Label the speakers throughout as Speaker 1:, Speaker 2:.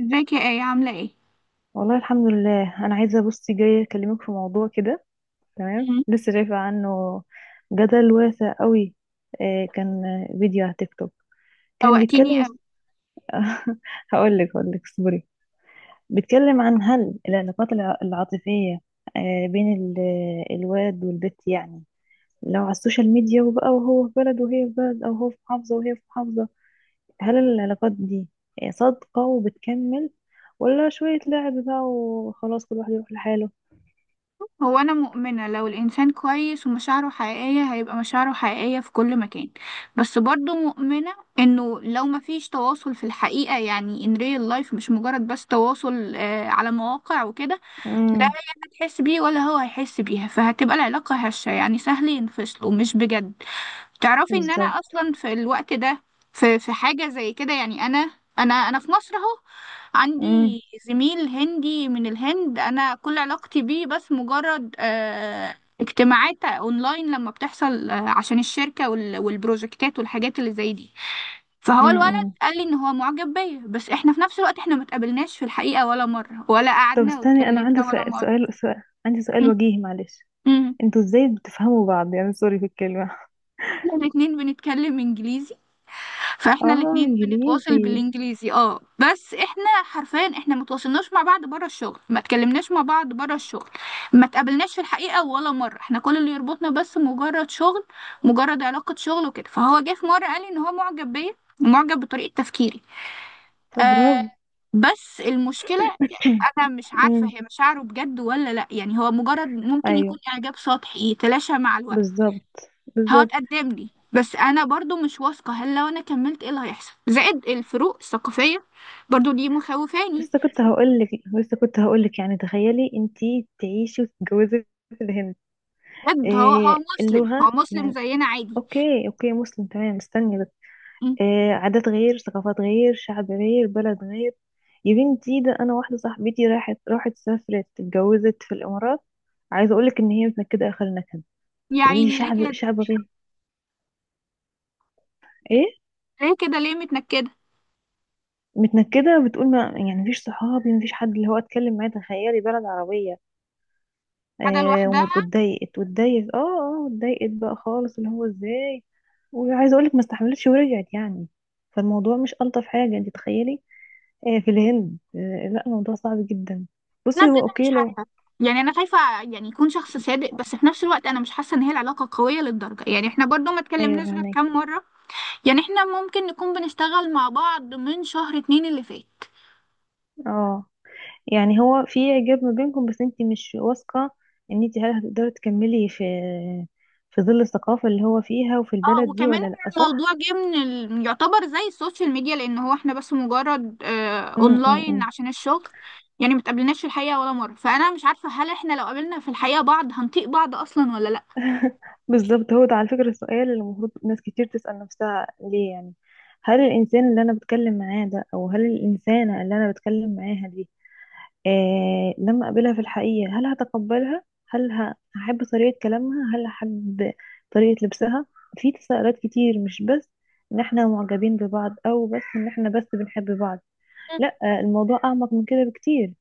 Speaker 1: ازيك يا آية، عاملة ايه؟
Speaker 2: والله الحمد لله، انا عايزه. بصي، جايه اكلمك في موضوع كده. تمام،
Speaker 1: مم.
Speaker 2: لسه شايفه عنه جدل واسع قوي. كان فيديو على تيك توك، كان
Speaker 1: شوقتيني اوي.
Speaker 2: هقول لك اصبري. بيتكلم عن هل العلاقات العاطفيه، بين الواد والبت يعني. لو على السوشيال ميديا وبقى وهو في بلد وهي في بلد، او هو في محافظه وهي في محافظه، هل العلاقات دي صادقة وبتكمل، ولا شوية لعب بقى وخلاص كل واحد يروح لحاله.
Speaker 1: هو أنا مؤمنة لو الإنسان كويس ومشاعره حقيقية هيبقى مشاعره حقيقية في كل مكان. بس برضو مؤمنة إنه لو مفيش تواصل في الحقيقة، يعني in real life، مش مجرد بس تواصل على مواقع وكده، لا
Speaker 2: امم.
Speaker 1: هي هتحس بيه ولا هو هيحس بيها، فهتبقى العلاقة هشة، يعني سهل ينفصلوا، مش بجد. تعرفي ان انا
Speaker 2: بالظبط.
Speaker 1: اصلا في الوقت ده في حاجه زي كده، يعني انا انا في مصر اهو، عندي
Speaker 2: امم.
Speaker 1: زميل هندي من الهند، انا كل علاقتي بيه بس مجرد اجتماعات اونلاين لما بتحصل، عشان الشركه والبروجكتات والحاجات اللي زي دي. فهو الولد
Speaker 2: امم.
Speaker 1: قال لي ان هو معجب بيا، بس احنا في نفس الوقت، احنا ما اتقابلناش في الحقيقه ولا مره، ولا
Speaker 2: طب
Speaker 1: قعدنا
Speaker 2: استني، انا
Speaker 1: واتكلمنا
Speaker 2: عندي
Speaker 1: ولا
Speaker 2: سؤال،
Speaker 1: مره.
Speaker 2: عندي سؤال وجيهي معلش. انتوا ازاي بتفهموا بعض يعني، سوري في الكلمة.
Speaker 1: احنا الاتنين بنتكلم انجليزي، فاحنا
Speaker 2: اه،
Speaker 1: الاتنين بنتواصل
Speaker 2: انجليزي.
Speaker 1: بالانجليزي، بس احنا حرفيا احنا متواصلناش مع بعض بره الشغل، ما اتكلمناش مع بعض بره الشغل، ما اتقابلناش في الحقيقة ولا مرة. احنا كل اللي يربطنا بس مجرد شغل، مجرد علاقة شغل وكده. فهو جه في مرة قال لي ان هو معجب بيا، معجب بطريقة تفكيري.
Speaker 2: طب
Speaker 1: آه.
Speaker 2: برافو.
Speaker 1: بس المشكلة، يعني انا مش عارفة
Speaker 2: امم.
Speaker 1: هي مشاعره بجد ولا لا، يعني هو مجرد ممكن
Speaker 2: ايوه.
Speaker 1: يكون اعجاب سطحي يتلاشى مع الوقت.
Speaker 2: بالظبط. بالظبط.
Speaker 1: هتقدم لي، بس انا برضو مش واثقة، هل لو انا كملت ايه اللي هيحصل؟ زائد الفروق الثقافية برضو دي مخوفاني.
Speaker 2: لسه كنت هقول لك لسه كنت هقول لك يعني، تخيلي انتي تعيشي وتتجوزي في الهند.
Speaker 1: بجد، هو
Speaker 2: إيه
Speaker 1: مسلم، هو
Speaker 2: اللغة
Speaker 1: مسلم
Speaker 2: يعني؟
Speaker 1: زينا عادي.
Speaker 2: اوكي، اوكي، مسلم، تمام استني بس.
Speaker 1: م.
Speaker 2: عادات غير، ثقافات غير، شعب غير، بلد غير. يا بنتي ده انا واحده صاحبتي راحت سافرت اتجوزت في الامارات. عايزه اقولك ان هي متنكده اخر نكد.
Speaker 1: يا
Speaker 2: تقول لي
Speaker 1: عيني ليه
Speaker 2: شعب
Speaker 1: كده،
Speaker 2: شعب غير. ايه.
Speaker 1: ليه كده، ليه متنكدة
Speaker 2: متنكده، بتقول ما يعني مفيش صحابي، مفيش حد اللي هو اتكلم معاه. تخيلي، بلد عربيه.
Speaker 1: قاعدة لوحدها؟
Speaker 2: واتضايقت واتضايقت واتضايقت بقى خالص، اللي هو ازاي. وعايزه اقولك ما استحملتش ورجعت يعني. فالموضوع مش الطف حاجه. انت تخيلي في الهند. لا الموضوع صعب جدا.
Speaker 1: انا
Speaker 2: بصي هو
Speaker 1: بجد مش
Speaker 2: اوكي لو
Speaker 1: عارفة، يعني انا خايفة يعني يكون شخص صادق، بس في نفس الوقت انا مش حاسة ان هي العلاقة قوية للدرجة، يعني احنا برضو ما
Speaker 2: ايوه
Speaker 1: اتكلمناش غير
Speaker 2: فهمك.
Speaker 1: كام مرة. يعني احنا ممكن نكون بنشتغل مع بعض من شهر اتنين اللي فات.
Speaker 2: اه، يعني هو في اعجاب ما بينكم بس انت مش واثقه ان انت هل هتقدري تكملي في ظل الثقافه اللي هو فيها وفي
Speaker 1: اه.
Speaker 2: البلد دي
Speaker 1: وكمان
Speaker 2: ولا لا،
Speaker 1: الموضوع
Speaker 2: صح؟
Speaker 1: جه من يعتبر زي السوشيال ميديا، لان هو احنا بس مجرد
Speaker 2: أم أم
Speaker 1: اونلاين
Speaker 2: أم.
Speaker 1: عشان الشغل. يعني متقابلناش في الحقيقة ولا مرة، فانا مش عارفة هل احنا لو قابلنا في الحقيقة بعض هنطيق بعض اصلا ولا لا.
Speaker 2: بالظبط، هو ده على فكره السؤال اللي المفروض ناس كتير تسال نفسها. ليه يعني؟ هل الانسان اللي انا بتكلم معاه ده، او هل الانسانه اللي انا بتكلم معاها دي، لما أقابلها في الحقيقة، هل هتقبلها؟ هل هحب طريقة كلامها؟ هل هحب طريقة لبسها؟ في تساؤلات كتير، مش بس إن إحنا معجبين ببعض، أو بس إن إحنا بس بنحب بعض.
Speaker 1: مم.
Speaker 2: لأ، الموضوع أعمق من كده بكتير.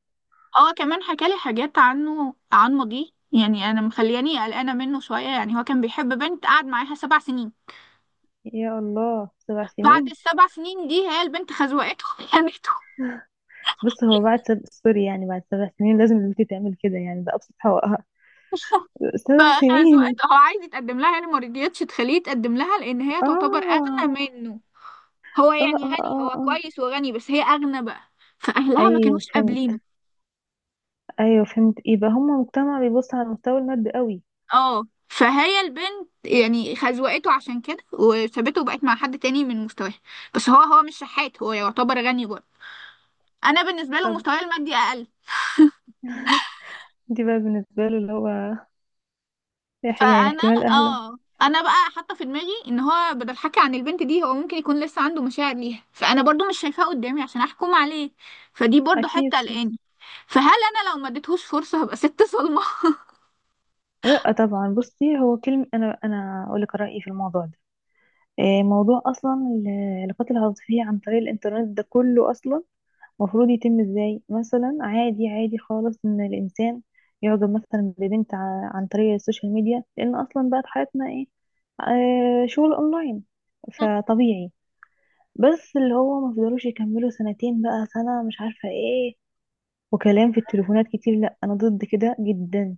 Speaker 1: هو كمان حكالي حاجات عنه، عن ماضيه، يعني انا مخلياني قلقانة منه شوية، يعني هو كان بيحب بنت قعد معاها سبع سنين.
Speaker 2: يا الله، سبع
Speaker 1: بعد
Speaker 2: سنين
Speaker 1: السبع سنين دي هي البنت خزوقته، خانته.
Speaker 2: بص، هو بعد سوري، يعني بعد 7 سنين لازم البنت تعمل كده، يعني ده أبسط حقوقها. 7 سنين.
Speaker 1: فخزوقته. هو عايز يتقدم لها، يعني ما رضيتش تخليه يتقدم لها، لان هي تعتبر
Speaker 2: آه،
Speaker 1: اغلى منه. هو
Speaker 2: آه،
Speaker 1: يعني
Speaker 2: آه،
Speaker 1: غني،
Speaker 2: آه،
Speaker 1: هو
Speaker 2: آه.
Speaker 1: كويس وغني، بس هي أغنى بقى، فأهلها ما
Speaker 2: أيوه
Speaker 1: كانوش قابلينه.
Speaker 2: فهمت. أيوه فهمت، إيه بقى، هما مجتمع بيبص على المستوى المادي قوي.
Speaker 1: اه، فهي البنت يعني خزوقته عشان كده وسابته وبقت مع حد تاني من مستواها. بس هو مش شحات، هو يعتبر غني برضه. انا بالنسبه له
Speaker 2: طب
Speaker 1: مستواي المادي اقل.
Speaker 2: دي بقى بالنسبة له اللي هو يعني
Speaker 1: فانا
Speaker 2: احتمال أهله.
Speaker 1: اه انا بقى حاطه في دماغي ان هو بدل حكي عن البنت دي، هو ممكن يكون لسه عنده مشاعر ليها، فانا برضو مش شايفاه قدامي عشان احكم عليه، فدي برضو
Speaker 2: أكيد،
Speaker 1: حته
Speaker 2: صح.
Speaker 1: قلقاني. فهل انا لو ما اديتهوش فرصه هبقى ست صلمه؟
Speaker 2: لأ طبعا. بصي هو كلمة، أنا أقول لك رأيي في الموضوع ده. إيه، موضوع أصلا القتل العاطفي عن طريق الإنترنت ده كله، أصلا المفروض يتم إزاي؟ مثلا عادي، عادي خالص إن الإنسان يعجب مثلا ببنت عن طريق السوشيال ميديا، لأن أصلا بقت حياتنا إيه، شغل أونلاين، فطبيعي. بس اللي هو ما فضلوش يكملوا سنتين، بقى سنة، مش عارفة إيه، وكلام في التليفونات كتير. لا انا ضد كده جدا.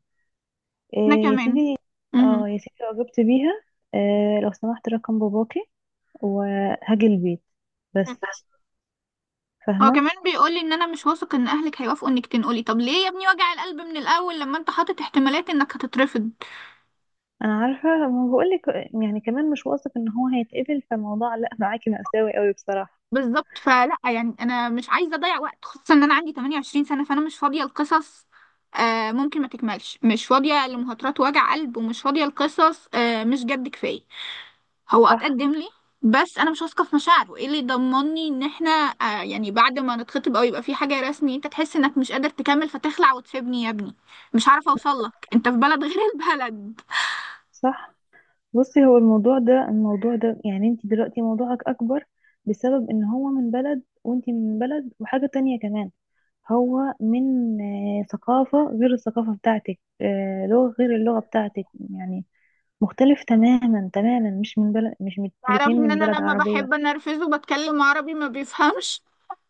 Speaker 1: انا
Speaker 2: إيه يا
Speaker 1: كمان.
Speaker 2: سيدي، اه يا سيدي اعجبت بيها، إيه لو سمحت رقم باباكي وهاجي البيت
Speaker 1: مهم.
Speaker 2: بس.
Speaker 1: هو
Speaker 2: فاهمه.
Speaker 1: كمان بيقولي ان انا مش واثق ان اهلك هيوافقوا انك تنقلي. طب ليه يا ابني وجع القلب من الاول لما انت حاطط احتمالات انك هتترفض؟
Speaker 2: انا عارفه ما بقولك، يعني كمان مش واثق ان هو هيتقبل، فالموضوع لا معاكي مأساوي قوي بصراحه.
Speaker 1: بالظبط، فلا يعني انا مش عايزه اضيع وقت، خصوصا ان انا عندي 28 سنه، فانا مش فاضيه لقصص، ممكن ما تكملش، مش فاضيه لمهاترات وجع قلب، ومش فاضيه لقصص مش جد، كفايه. هو
Speaker 2: صح.
Speaker 1: اتقدم لي، بس انا مش واثقه في مشاعره، ايه اللي يضمني ان احنا، يعني بعد ما نتخطب او يبقى في حاجه رسمي، انت تحس انك مش قادر تكمل فتخلع وتسيبني يا ابني؟ مش عارفه اوصل لك، انت في بلد غير البلد.
Speaker 2: صح. بصي هو الموضوع ده يعني، انت دلوقتي موضوعك اكبر بسبب ان هو من بلد وانت من بلد، وحاجه تانية كمان، هو من ثقافة غير الثقافة بتاعتك، لغة غير اللغة بتاعتك يعني. مختلف تماما تماما، مش من بلد، مش من
Speaker 1: تعرفي
Speaker 2: الاتنين
Speaker 1: ان
Speaker 2: من
Speaker 1: انا
Speaker 2: بلد
Speaker 1: لما
Speaker 2: عربية.
Speaker 1: بحب انرفزه بتكلم عربي ما بيفهمش.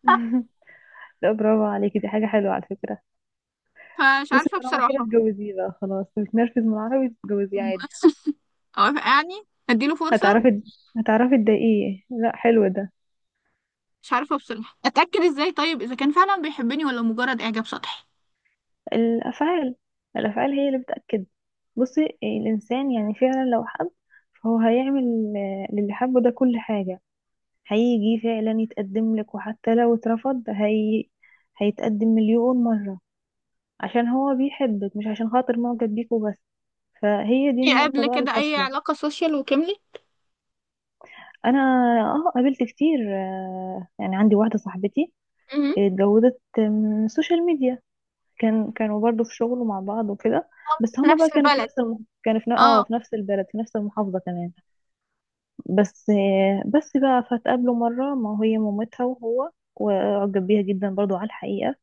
Speaker 2: لا، برافو عليكي، دي حاجة حلوة على فكرة.
Speaker 1: فمش
Speaker 2: بصي
Speaker 1: عارفه
Speaker 2: طالما كده
Speaker 1: بصراحه.
Speaker 2: اتجوزيه بقى، خلاص بتنرفز من العربي تتجوزيه
Speaker 1: مم.
Speaker 2: عادي.
Speaker 1: او يعني اديله فرصه.
Speaker 2: هتعرفي هتعرفي تضايقيه، لا حلو ده.
Speaker 1: مش عارفه بصراحه اتاكد ازاي، طيب اذا كان فعلا بيحبني ولا مجرد اعجاب سطحي.
Speaker 2: الأفعال، الأفعال هي اللي بتأكد. بصي الإنسان يعني فعلا لو حب فهو هيعمل للي حبه ده كل حاجة. هيجي فعلا يتقدم لك، وحتى لو اترفض هيتقدم مليون مرة عشان هو بيحبك، مش عشان خاطر معجب بيك وبس. فهي دي
Speaker 1: في
Speaker 2: النقطة
Speaker 1: قبل
Speaker 2: بقى
Speaker 1: كده اي
Speaker 2: الفاصلة.
Speaker 1: علاقه سوشيال وكملي؟
Speaker 2: أنا اه قابلت كتير، يعني عندي واحدة صاحبتي
Speaker 1: مهم.
Speaker 2: اتجوزت من السوشيال ميديا. كانوا برضو في شغل مع بعض وكده، بس
Speaker 1: في
Speaker 2: هما
Speaker 1: نفس
Speaker 2: بقى كانوا في
Speaker 1: البلد.
Speaker 2: نفس كانوا في
Speaker 1: اه.
Speaker 2: في نفس البلد، في نفس المحافظة كمان. بس بقى فتقابلوا مرة ما هي مامتها وهو، وأعجب بيها جدا برضو على الحقيقة.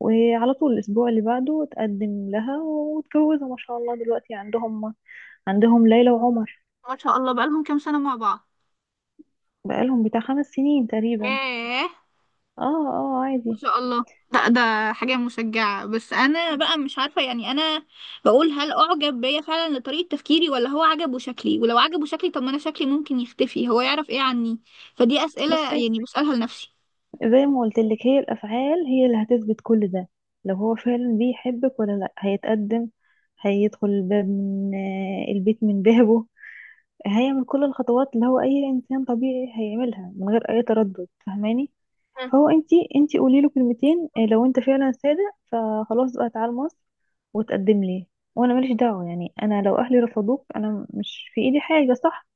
Speaker 2: وعلى طول الأسبوع اللي بعده اتقدم لها واتجوزوا ما شاء الله، دلوقتي عندهم ليلى وعمر.
Speaker 1: ما شاء الله، بقالهم كام سنه مع بعض؟
Speaker 2: بقالهم بتاع 5 سنين تقريبا.
Speaker 1: ياه.
Speaker 2: اه. اه، عادي.
Speaker 1: شاء الله. لا ده حاجة مشجعة، بس أنا بقى مش عارفة، يعني أنا بقول هل أعجب بيا فعلا لطريقة تفكيري، ولا هو عجبه شكلي؟ ولو عجبه شكلي طب ما أنا شكلي ممكن يختفي، هو يعرف إيه عني؟ فدي أسئلة
Speaker 2: بصي
Speaker 1: يعني بسألها لنفسي.
Speaker 2: زي ما قلت لك، هي الأفعال هي اللي هتثبت كل ده. لو هو فعلا بيحبك ولا لا هيتقدم، هيدخل الباب من البيت من بابه. هي من كل الخطوات اللي هو اي انسان طبيعي هيعملها من غير اي تردد، فاهماني؟
Speaker 1: مم.
Speaker 2: فهو، انتي قولي له كلمتين، إيه، لو انت فعلا صادق فخلاص بقى، تعال مصر وتقدم لي، وانا ماليش دعوه يعني، انا لو اهلي رفضوك انا مش في ايدي حاجه، صح؟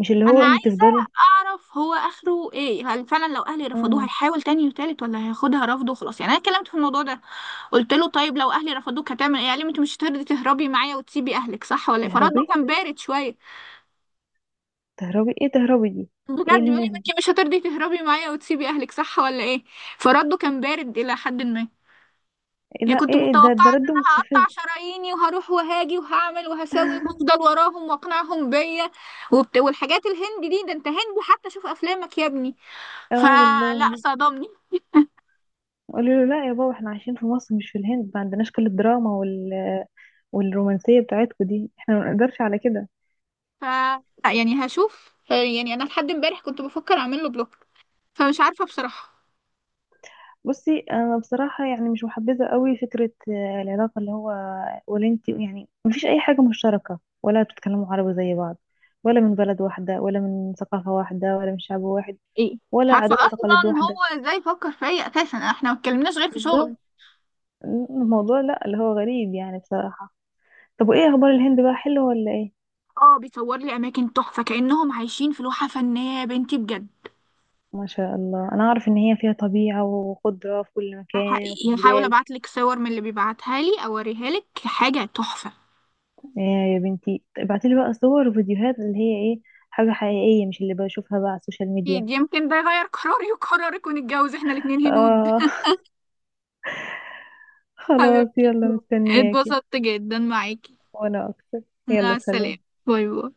Speaker 2: مش اللي
Speaker 1: أنا
Speaker 2: هو انتي
Speaker 1: عايزة
Speaker 2: تفضلي.
Speaker 1: أعرف هو آخره إيه، هل فعلا لو أهلي رفضوه
Speaker 2: امم.
Speaker 1: هيحاول تاني وتالت، ولا هياخدها رفضه وخلاص؟ يعني أنا اتكلمت في الموضوع ده، قلت له طيب لو أهلي رفضوك هتعمل إيه، قال لي ما أنت مش هترضي تهربي معايا وتسيبي أهلك، صح ولا إيه؟ فرده
Speaker 2: تهربي،
Speaker 1: كان بارد شوية.
Speaker 2: تهربي ايه تهربي دي، ايه
Speaker 1: بجد، بيقول لي
Speaker 2: الناس
Speaker 1: انتي
Speaker 2: دي؟
Speaker 1: مش هترضي تهربي معايا وتسيبي اهلك، صح ولا ايه؟ فرده كان بارد الى حد ما،
Speaker 2: إيه
Speaker 1: يعني
Speaker 2: لا ايه
Speaker 1: كنت
Speaker 2: إيه، ده
Speaker 1: متوقعه ان
Speaker 2: رد
Speaker 1: انا
Speaker 2: مستفز.
Speaker 1: هقطع شراييني وهروح وهاجي وهعمل وهسوي وهفضل وراهم واقنعهم بيا والحاجات الهندي دي. ده انت هندي حتى، شوف افلامك يا ابني.
Speaker 2: اه
Speaker 1: فلا،
Speaker 2: والله.
Speaker 1: صدمني.
Speaker 2: قالوا له لا يا بابا، احنا عايشين في مصر مش في الهند، ما عندناش كل الدراما والرومانسية بتاعتكم دي، احنا ما نقدرش على كده.
Speaker 1: ف لا يعني هشوف، يعني انا لحد امبارح كنت بفكر اعمل له بلوك. فمش عارفه بصراحه.
Speaker 2: بصي انا بصراحة يعني مش محبذة قوي فكرة العلاقة اللي هو ولنتي يعني. مفيش اي حاجة مشتركة، ولا بتتكلموا عربي زي بعض، ولا من بلد واحدة، ولا من ثقافة واحدة، ولا من شعب واحد،
Speaker 1: ايه. مش
Speaker 2: ولا
Speaker 1: عارفه
Speaker 2: عادات وتقاليد
Speaker 1: اصلا
Speaker 2: واحدة.
Speaker 1: هو ازاي فكر فيا اساسا، احنا ما اتكلمناش غير في شغل.
Speaker 2: بالظبط. الموضوع لا، اللي هو غريب يعني بصراحة. طب وايه اخبار الهند بقى، حلو ولا ايه؟
Speaker 1: اه، بيصور لي اماكن تحفه، كانهم عايشين في لوحه فنيه، يا بنتي بجد.
Speaker 2: ما شاء الله، انا اعرف ان هي فيها طبيعة وخضرة في كل مكان وفي
Speaker 1: حقيقي هحاول
Speaker 2: جبال.
Speaker 1: ابعت لك صور من اللي بيبعتها لي اوريها لك، حاجه تحفه.
Speaker 2: آه، يا بنتي ابعتيلي بقى صور وفيديوهات اللي هي ايه، حاجة حقيقية مش اللي بشوفها بقى على السوشيال ميديا.
Speaker 1: اكيد، يمكن ده يغير قراري وقرارك ونتجوز احنا الاتنين هنود.
Speaker 2: اه. خلاص،
Speaker 1: حبيبتي،
Speaker 2: يلا مستنياكي.
Speaker 1: اتبسطت جدا معاكي.
Speaker 2: وانا اكتر. يلا
Speaker 1: مع السلامه.
Speaker 2: سلام.
Speaker 1: باي باي.